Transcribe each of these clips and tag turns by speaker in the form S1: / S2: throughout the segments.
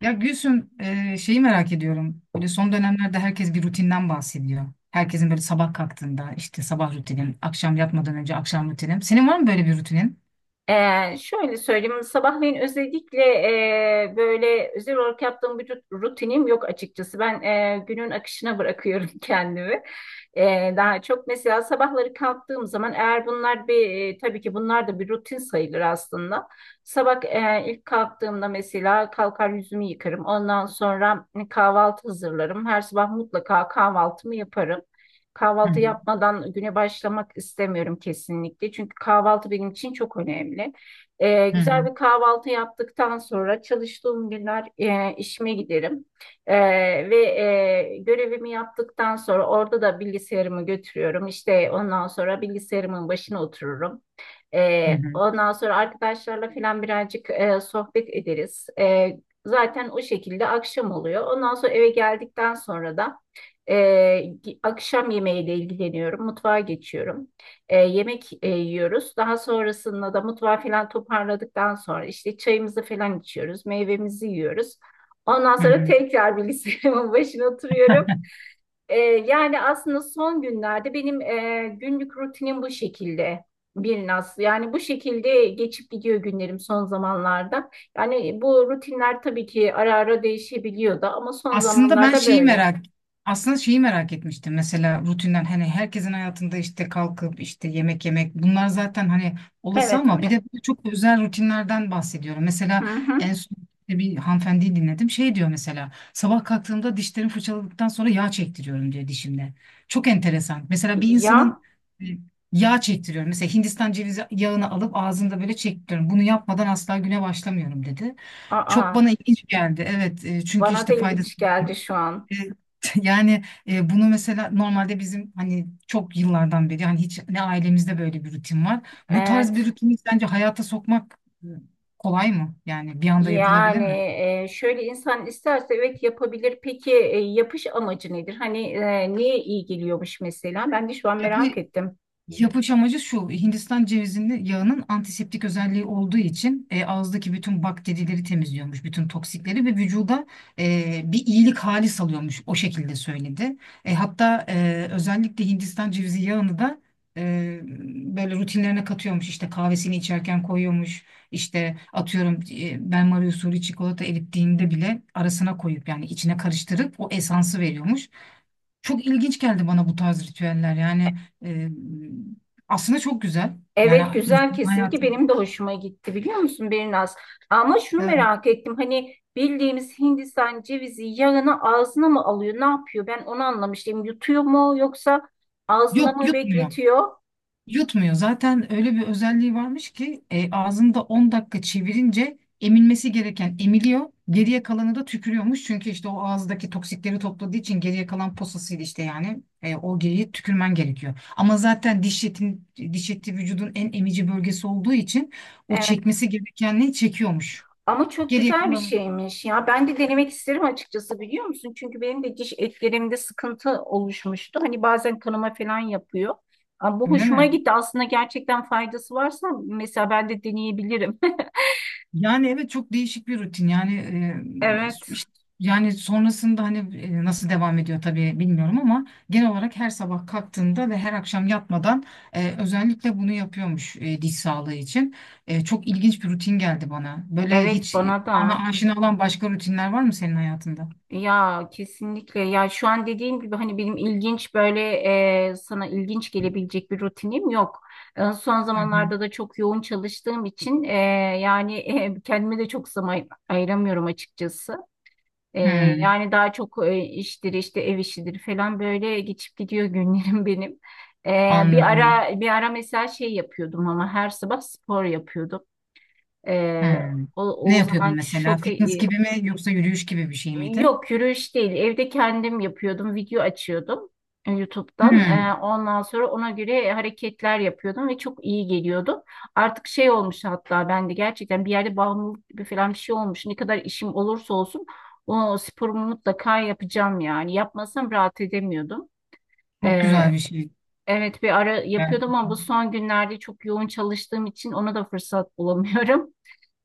S1: Ya Gülsüm şeyi merak ediyorum. Böyle son dönemlerde herkes bir rutinden bahsediyor. Herkesin böyle sabah kalktığında işte sabah rutinim, akşam yatmadan önce akşam rutinim. Senin var mı böyle bir rutinin?
S2: Şöyle söyleyeyim, hani, sabahleyin özellikle böyle özel olarak yaptığım bir rutinim yok açıkçası. Ben günün akışına bırakıyorum kendimi. Daha çok mesela sabahları kalktığım zaman eğer bunlar bir tabii ki bunlar da bir rutin sayılır aslında. Sabah ilk kalktığımda mesela kalkar yüzümü yıkarım. Ondan sonra hani, kahvaltı hazırlarım. Her sabah mutlaka kahvaltımı yaparım.
S1: Hı
S2: Kahvaltı
S1: hı.
S2: yapmadan güne başlamak istemiyorum kesinlikle. Çünkü kahvaltı benim için çok önemli.
S1: Hı
S2: Güzel
S1: hı.
S2: bir kahvaltı yaptıktan sonra çalıştığım günler işime giderim. Ee, ve görevimi yaptıktan sonra orada da bilgisayarımı götürüyorum. İşte ondan sonra bilgisayarımın başına otururum.
S1: Hı hı.
S2: Ondan sonra arkadaşlarla falan birazcık sohbet ederiz. Zaten o şekilde akşam oluyor. Ondan sonra eve geldikten sonra da akşam yemeğiyle ilgileniyorum. Mutfağa geçiyorum. Yemek yiyoruz. Daha sonrasında da mutfağı falan toparladıktan sonra işte çayımızı falan içiyoruz. Meyvemizi yiyoruz. Ondan
S1: Hı
S2: sonra
S1: hı.
S2: tekrar bilgisayarımın başına oturuyorum. Yani aslında son günlerde benim günlük rutinim bu şekilde bir nasıl yani bu şekilde geçip gidiyor günlerim son zamanlarda. Yani bu rutinler tabii ki ara ara değişebiliyor da ama son
S1: Aslında ben
S2: zamanlarda
S1: şeyi
S2: böyle.
S1: merak aslında şeyi merak etmiştim mesela rutinden hani herkesin hayatında işte kalkıp işte yemek yemek bunlar zaten hani olası
S2: Evet
S1: ama bir
S2: mi?
S1: de böyle çok özel rutinlerden bahsediyorum.
S2: Hı
S1: Mesela en
S2: hı.
S1: son işte bir hanımefendiyi dinledim şey diyor mesela sabah kalktığımda dişlerimi fırçaladıktan sonra yağ çektiriyorum diyor dişimde. Çok enteresan. Mesela bir insanın
S2: Ya,
S1: e, yağ çektiriyorum. Mesela Hindistan cevizi yağını alıp ağzında böyle çektiriyorum. Bunu yapmadan asla güne başlamıyorum dedi.
S2: aa,
S1: Çok bana ilginç geldi. Evet, çünkü
S2: bana
S1: işte
S2: da
S1: faydası
S2: ilginç geldi şu an.
S1: e, Yani, bunu mesela normalde bizim hani çok yıllardan beri hani hiç ne ailemizde böyle bir rutin var. Bu tarz bir
S2: Evet.
S1: rutini sence hayata sokmak e, kolay mı? Yani bir anda yapılabilir
S2: Yani
S1: mi?
S2: şöyle insan isterse evet yapabilir. Peki yapış amacı nedir? Hani niye iyi geliyormuş mesela? Ben de şu an
S1: Yapı,
S2: merak ettim.
S1: Yapış amacı şu, Hindistan cevizinin yağının antiseptik özelliği olduğu için ağızdaki bütün bakterileri temizliyormuş, bütün toksikleri ve vücuda bir iyilik hali salıyormuş, o şekilde söyledi. Hatta özellikle Hindistan cevizi yağını da e, böyle rutinlerine katıyormuş, işte kahvesini içerken koyuyormuş, işte atıyorum benmari usulü çikolata erittiğinde bile arasına koyup yani içine karıştırıp o esansı veriyormuş. Çok ilginç geldi bana bu tarz ritüeller. Yani e, aslında çok güzel. Yani
S2: Evet güzel
S1: insan hayatı.
S2: kesinlikle benim de hoşuma gitti biliyor musun Berinaz? Ama şunu
S1: Evet.
S2: merak ettim hani bildiğimiz Hindistan cevizi yağını ağzına mı alıyor ne yapıyor? Ben onu anlamıştım yutuyor mu yoksa ağzında
S1: Yok
S2: mı
S1: yutmuyor.
S2: bekletiyor?
S1: Yutmuyor. Zaten öyle bir özelliği varmış ki ağzında 10 dakika çevirince emilmesi gereken emiliyor. Geriye kalanı da tükürüyormuş. Çünkü işte o ağızdaki toksikleri topladığı için geriye kalan posasıydı işte yani. O geriye tükürmen gerekiyor. Ama zaten diş etin, diş eti vücudun en emici bölgesi olduğu için o
S2: Evet
S1: çekmesi gerekenliği çekiyormuş.
S2: ama çok
S1: Geriye
S2: güzel bir
S1: kalanı.
S2: şeymiş ya ben de denemek isterim açıkçası biliyor musun? Çünkü benim de diş etlerimde sıkıntı oluşmuştu hani bazen kanama falan yapıyor. Ama bu
S1: Öyle
S2: hoşuma
S1: mi?
S2: gitti aslında gerçekten faydası varsa mesela ben de deneyebilirim.
S1: Yani evet, çok değişik bir rutin yani. e,
S2: Evet.
S1: işte- Yani sonrasında hani nasıl devam ediyor tabii bilmiyorum ama genel olarak her sabah kalktığında ve her akşam yatmadan özellikle bunu yapıyormuş diş sağlığı için. Çok ilginç bir rutin geldi bana. Böyle
S2: Evet
S1: hiç
S2: bana da.
S1: bana aşina olan başka rutinler var mı senin hayatında?
S2: Ya kesinlikle ya şu an dediğim gibi hani benim ilginç böyle sana ilginç gelebilecek bir rutinim yok. Son
S1: Hı hı.
S2: zamanlarda da çok yoğun çalıştığım için yani kendime de çok zaman ayıramıyorum açıkçası. E,
S1: Hmm,
S2: Yani daha çok iştir işte ev işidir falan böyle geçip gidiyor günlerim benim. E, bir
S1: anladım.
S2: ara bir ara mesela şey yapıyordum ama her sabah spor yapıyordum. E,
S1: Hmm.
S2: o,
S1: Ne
S2: o
S1: yapıyordun
S2: zaman
S1: mesela?
S2: çok
S1: Fitness
S2: iyi.
S1: gibi mi yoksa yürüyüş gibi bir şey miydi?
S2: Yok yürüyüş değil. Evde kendim yapıyordum. Video açıyordum YouTube'dan.
S1: Hmm,
S2: Ondan sonra ona göre hareketler yapıyordum ve çok iyi geliyordu. Artık şey olmuş hatta ben de gerçekten bir yerde bağımlılık gibi falan bir şey olmuş. Ne kadar işim olursa olsun o sporumu mutlaka yapacağım yani. Yapmasam rahat edemiyordum.
S1: çok
S2: E,
S1: güzel bir şey.
S2: evet bir ara yapıyordum ama bu
S1: Gerçekten.
S2: son günlerde çok yoğun çalıştığım için ona da fırsat bulamıyorum.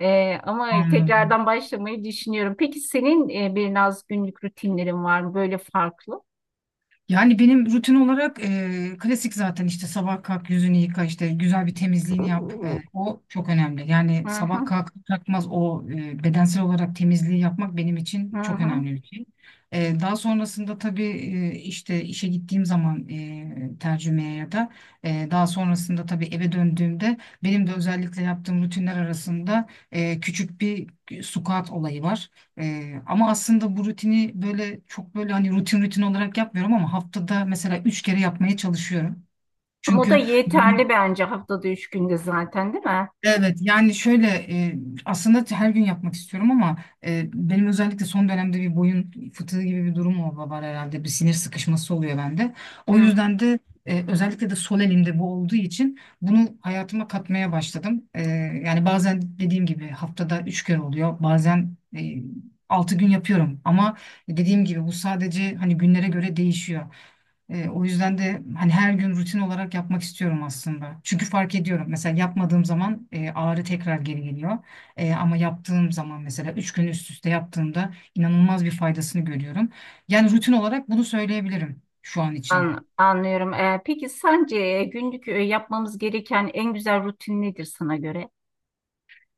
S2: Ama
S1: Anladım.
S2: tekrardan başlamayı düşünüyorum. Peki senin bir naz günlük rutinlerin var mı böyle farklı?
S1: Yani benim rutin olarak klasik, zaten işte sabah kalk yüzünü yıka, işte güzel bir
S2: Hı
S1: temizliğini yap.
S2: hı,
S1: O çok önemli. Yani sabah kalk kalkmaz o bedensel olarak temizliği yapmak benim
S2: hı
S1: için çok
S2: hı.
S1: önemli bir şey. Daha sonrasında tabii işte işe gittiğim zaman tercümeye, ya da daha sonrasında tabii eve döndüğümde benim de özellikle yaptığım rutinler arasında küçük bir squat olayı var. Ama aslında bu rutini böyle çok böyle hani rutin olarak yapmıyorum, ama haftada mesela üç kere yapmaya çalışıyorum.
S2: Ama o da
S1: Çünkü
S2: yeterli bence haftada üç günde zaten değil mi?
S1: evet, yani şöyle, e, aslında her gün yapmak istiyorum, ama benim özellikle son dönemde bir boyun fıtığı gibi bir durum oldu, var herhalde bir sinir sıkışması oluyor bende. O
S2: Hı,
S1: yüzden de özellikle de sol elimde bu olduğu için bunu hayatıma katmaya başladım. Yani bazen dediğim gibi haftada üç kere oluyor, bazen altı gün yapıyorum, ama dediğim gibi bu sadece hani günlere göre değişiyor. O yüzden de hani her gün rutin olarak yapmak istiyorum aslında. Çünkü fark ediyorum. Mesela yapmadığım zaman ağrı tekrar geri geliyor. Ama yaptığım zaman mesela üç gün üst üste yaptığımda inanılmaz bir faydasını görüyorum. Yani rutin olarak bunu söyleyebilirim şu an için.
S2: anlıyorum. Peki sence günlük yapmamız gereken en güzel rutin nedir sana göre?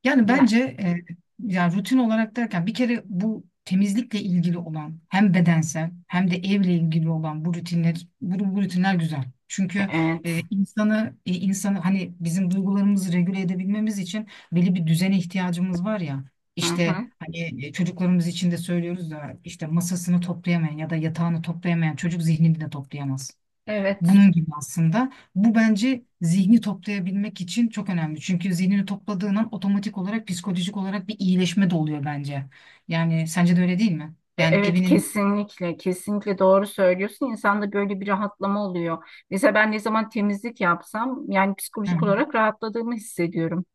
S1: Yani
S2: Ya,
S1: bence yani rutin olarak derken, bir kere bu temizlikle ilgili olan hem bedensel hem de evle ilgili olan bu rutinler güzel. Çünkü
S2: evet.
S1: insanı hani, bizim duygularımızı regüle edebilmemiz için belli bir düzene ihtiyacımız var ya.
S2: Hı
S1: İşte
S2: hı.
S1: hani çocuklarımız için de söylüyoruz da, işte masasını toplayamayan ya da yatağını toplayamayan çocuk zihnini de toplayamaz.
S2: Evet.
S1: Bunun gibi aslında. Bu bence zihni toplayabilmek için çok önemli. Çünkü zihnini topladığın an otomatik olarak psikolojik olarak bir iyileşme de oluyor bence. Yani sence de öyle değil mi? Yani
S2: Evet
S1: evinin.
S2: kesinlikle kesinlikle doğru söylüyorsun. İnsanda böyle bir rahatlama oluyor. Mesela ben ne zaman temizlik yapsam yani
S1: Hı.
S2: psikolojik olarak rahatladığımı hissediyorum.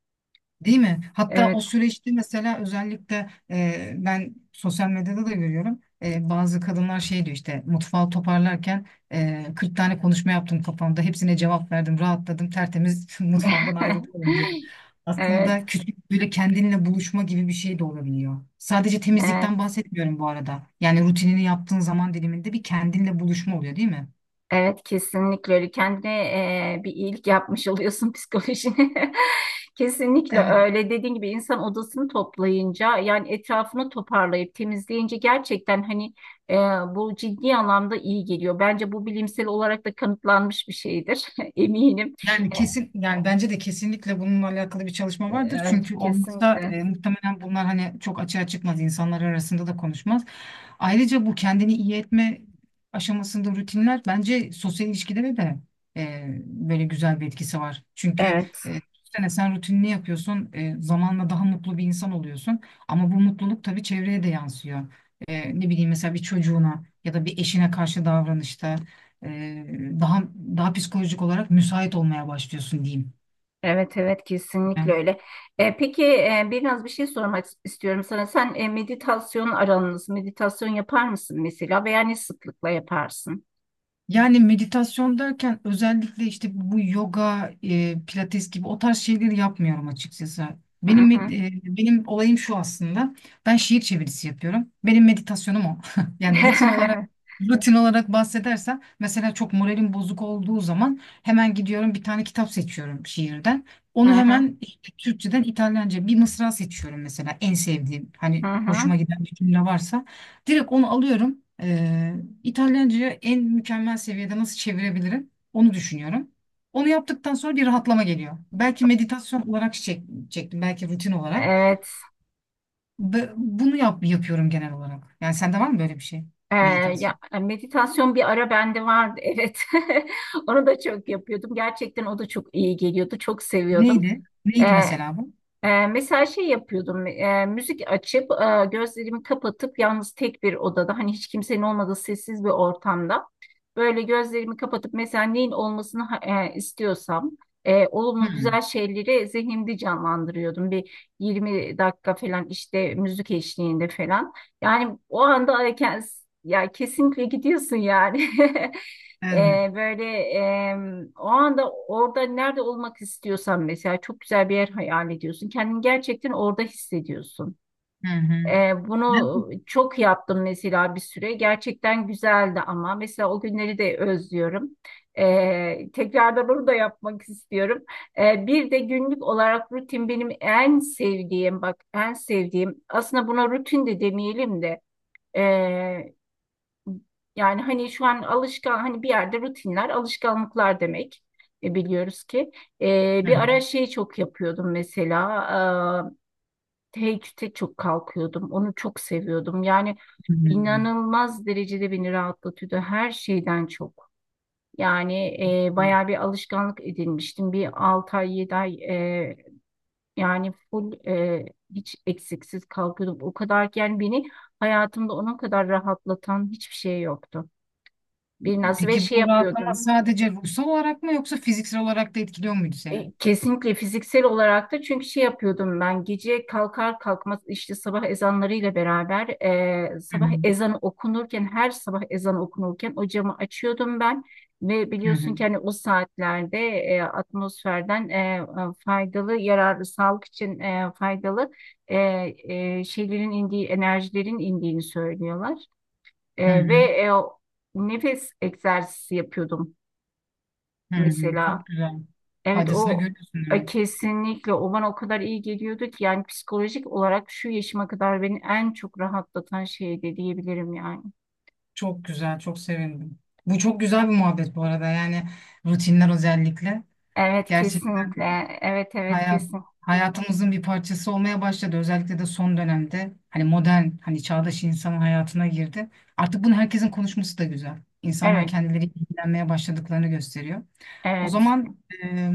S1: Değil mi? Hatta o
S2: Evet.
S1: süreçte mesela özellikle ben sosyal medyada da görüyorum. Bazı kadınlar şey diyor, işte mutfağı toparlarken 40 tane konuşma yaptım kafamda. Hepsine cevap verdim, rahatladım, tertemiz mutfağımdan ayrılıyorum diyor.
S2: Evet,
S1: Aslında küçük böyle kendinle buluşma gibi bir şey de olabiliyor. Sadece temizlikten
S2: evet,
S1: bahsetmiyorum bu arada. Yani rutinini yaptığın zaman diliminde bir kendinle buluşma oluyor değil mi?
S2: evet kesinlikle öyle. Kendine bir iyilik yapmış oluyorsun psikolojine. Kesinlikle
S1: Evet.
S2: öyle. Dediğin gibi insan odasını toplayınca yani etrafını toparlayıp temizleyince gerçekten hani e, bu ciddi anlamda iyi geliyor. Bence bu bilimsel olarak da kanıtlanmış bir şeydir. Eminim.
S1: Yani kesin, yani bence de kesinlikle bununla alakalı bir çalışma vardır.
S2: Evet,
S1: Çünkü olmazsa
S2: kesinlikle.
S1: muhtemelen bunlar hani çok açığa çıkmaz, insanlar arasında da konuşmaz. Ayrıca bu kendini iyi etme aşamasında rutinler bence sosyal ilişkilere de böyle güzel bir etkisi var. Çünkü
S2: Evet.
S1: düşünsene, sen rutinini yapıyorsun, zamanla daha mutlu bir insan oluyorsun. Ama bu mutluluk tabii çevreye de yansıyor. Ne bileyim, mesela bir çocuğuna ya da bir eşine karşı davranışta e, daha daha psikolojik olarak müsait olmaya başlıyorsun diyeyim.
S2: Evet evet kesinlikle
S1: Yani
S2: öyle. Peki biraz bir şey sormak istiyorum sana. Sen meditasyon yapar mısın mesela veya ne sıklıkla yaparsın?
S1: Meditasyon derken özellikle işte bu yoga, pilates gibi o tarz şeyleri yapmıyorum açıkçası.
S2: Hı
S1: Benim med-
S2: hı.
S1: benim olayım şu aslında. Ben şiir çevirisi yapıyorum. Benim meditasyonum o. Yani rutin olarak bahsedersem, mesela çok moralim bozuk olduğu zaman hemen gidiyorum, bir tane kitap seçiyorum şiirden.
S2: Hı
S1: Onu
S2: hı,
S1: hemen işte Türkçeden, İtalyanca bir mısra seçiyorum mesela, en sevdiğim
S2: hı
S1: hani hoşuma
S2: hı.
S1: giden bir cümle varsa direkt onu alıyorum. İtalyanca'ya en mükemmel seviyede nasıl çevirebilirim? Onu düşünüyorum. Onu yaptıktan sonra bir rahatlama geliyor. Belki meditasyon olarak çektim, belki rutin olarak.
S2: Evet.
S1: Ve bunu yapıyorum genel olarak. Yani sende var mı böyle bir şey?
S2: E, Ya
S1: Meditasyon.
S2: meditasyon bir ara bende vardı. Evet. Onu da çok yapıyordum. Gerçekten o da çok iyi geliyordu. Çok seviyordum.
S1: Neydi? Neydi
S2: Ee,
S1: mesela bu?
S2: Mesela şey yapıyordum, müzik açıp gözlerimi kapatıp yalnız tek bir odada, hani hiç kimsenin olmadığı sessiz bir ortamda böyle gözlerimi kapatıp mesela neyin olmasını istiyorsam olumlu
S1: Hmm.
S2: güzel şeyleri zihnimde canlandırıyordum. Bir 20 dakika falan işte müzik eşliğinde falan. Yani o anda ya, ya kesinlikle gidiyorsun yani.
S1: Evet.
S2: Böyle o anda orada nerede olmak istiyorsan mesela çok güzel bir yer hayal ediyorsun. Kendini gerçekten orada hissediyorsun.
S1: Hı hı.
S2: Bunu
S1: Ben-
S2: çok yaptım mesela bir süre. Gerçekten güzeldi ama mesela o günleri de özlüyorum. Tekrardan onu da yapmak istiyorum. Bir de günlük olarak rutin benim en sevdiğim bak en sevdiğim aslında buna rutin de demeyelim de yani hani şu an alışkan hani bir yerde rutinler alışkanlıklar demek. Biliyoruz ki.
S1: Hı
S2: Bir
S1: hı.
S2: ara şey çok yapıyordum mesela teheccüde çok kalkıyordum onu çok seviyordum yani
S1: Hı
S2: inanılmaz derecede beni rahatlatıyordu her şeyden çok. Yani
S1: hı.
S2: bayağı bir alışkanlık edinmiştim bir 6 ay 7 ay yani full hiç eksiksiz kalkıyordum o kadar ki yani beni hayatımda onun kadar rahatlatan hiçbir şey yoktu. Biraz ve
S1: Peki
S2: şey
S1: bu rahatlama
S2: yapıyordum.
S1: sadece ruhsal olarak mı yoksa fiziksel olarak da etkiliyor muydu seni?
S2: Kesinlikle fiziksel olarak da çünkü şey yapıyordum ben gece kalkar kalkmaz işte sabah ezanlarıyla beraber
S1: Hı
S2: sabah
S1: hı.
S2: ezanı okunurken her sabah ezanı okunurken o camı açıyordum ben ve
S1: Hı hı.
S2: biliyorsun ki hani o saatlerde atmosferden faydalı yararlı sağlık için faydalı e, şeylerin indiği enerjilerin indiğini söylüyorlar.
S1: Hı
S2: E, ve
S1: hı.
S2: e, nefes egzersizi yapıyordum
S1: Hı hı,
S2: mesela.
S1: çok güzel.
S2: Evet
S1: Faydasını
S2: o
S1: görüyorsun demek.
S2: kesinlikle o bana o kadar iyi geliyordu ki yani psikolojik olarak şu yaşıma kadar beni en çok rahatlatan şeydi diyebilirim yani.
S1: Çok güzel, çok sevindim. Bu çok
S2: Hı.
S1: güzel bir muhabbet bu arada. Yani rutinler özellikle
S2: Evet
S1: gerçekten
S2: kesinlikle. Evet evet
S1: hayat
S2: kesin.
S1: hayatımızın bir parçası olmaya başladı. Özellikle de son dönemde hani modern, hani çağdaş insanın hayatına girdi. Artık bunu herkesin konuşması da güzel. İnsanlar
S2: Evet
S1: kendileri ilgilenmeye başladıklarını gösteriyor. O
S2: evet.
S1: zaman e,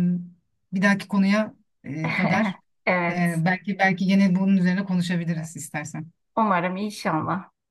S1: bir dahaki konuya kadar
S2: Evet.
S1: belki yine bunun üzerine konuşabiliriz istersen.
S2: Umarım inşallah.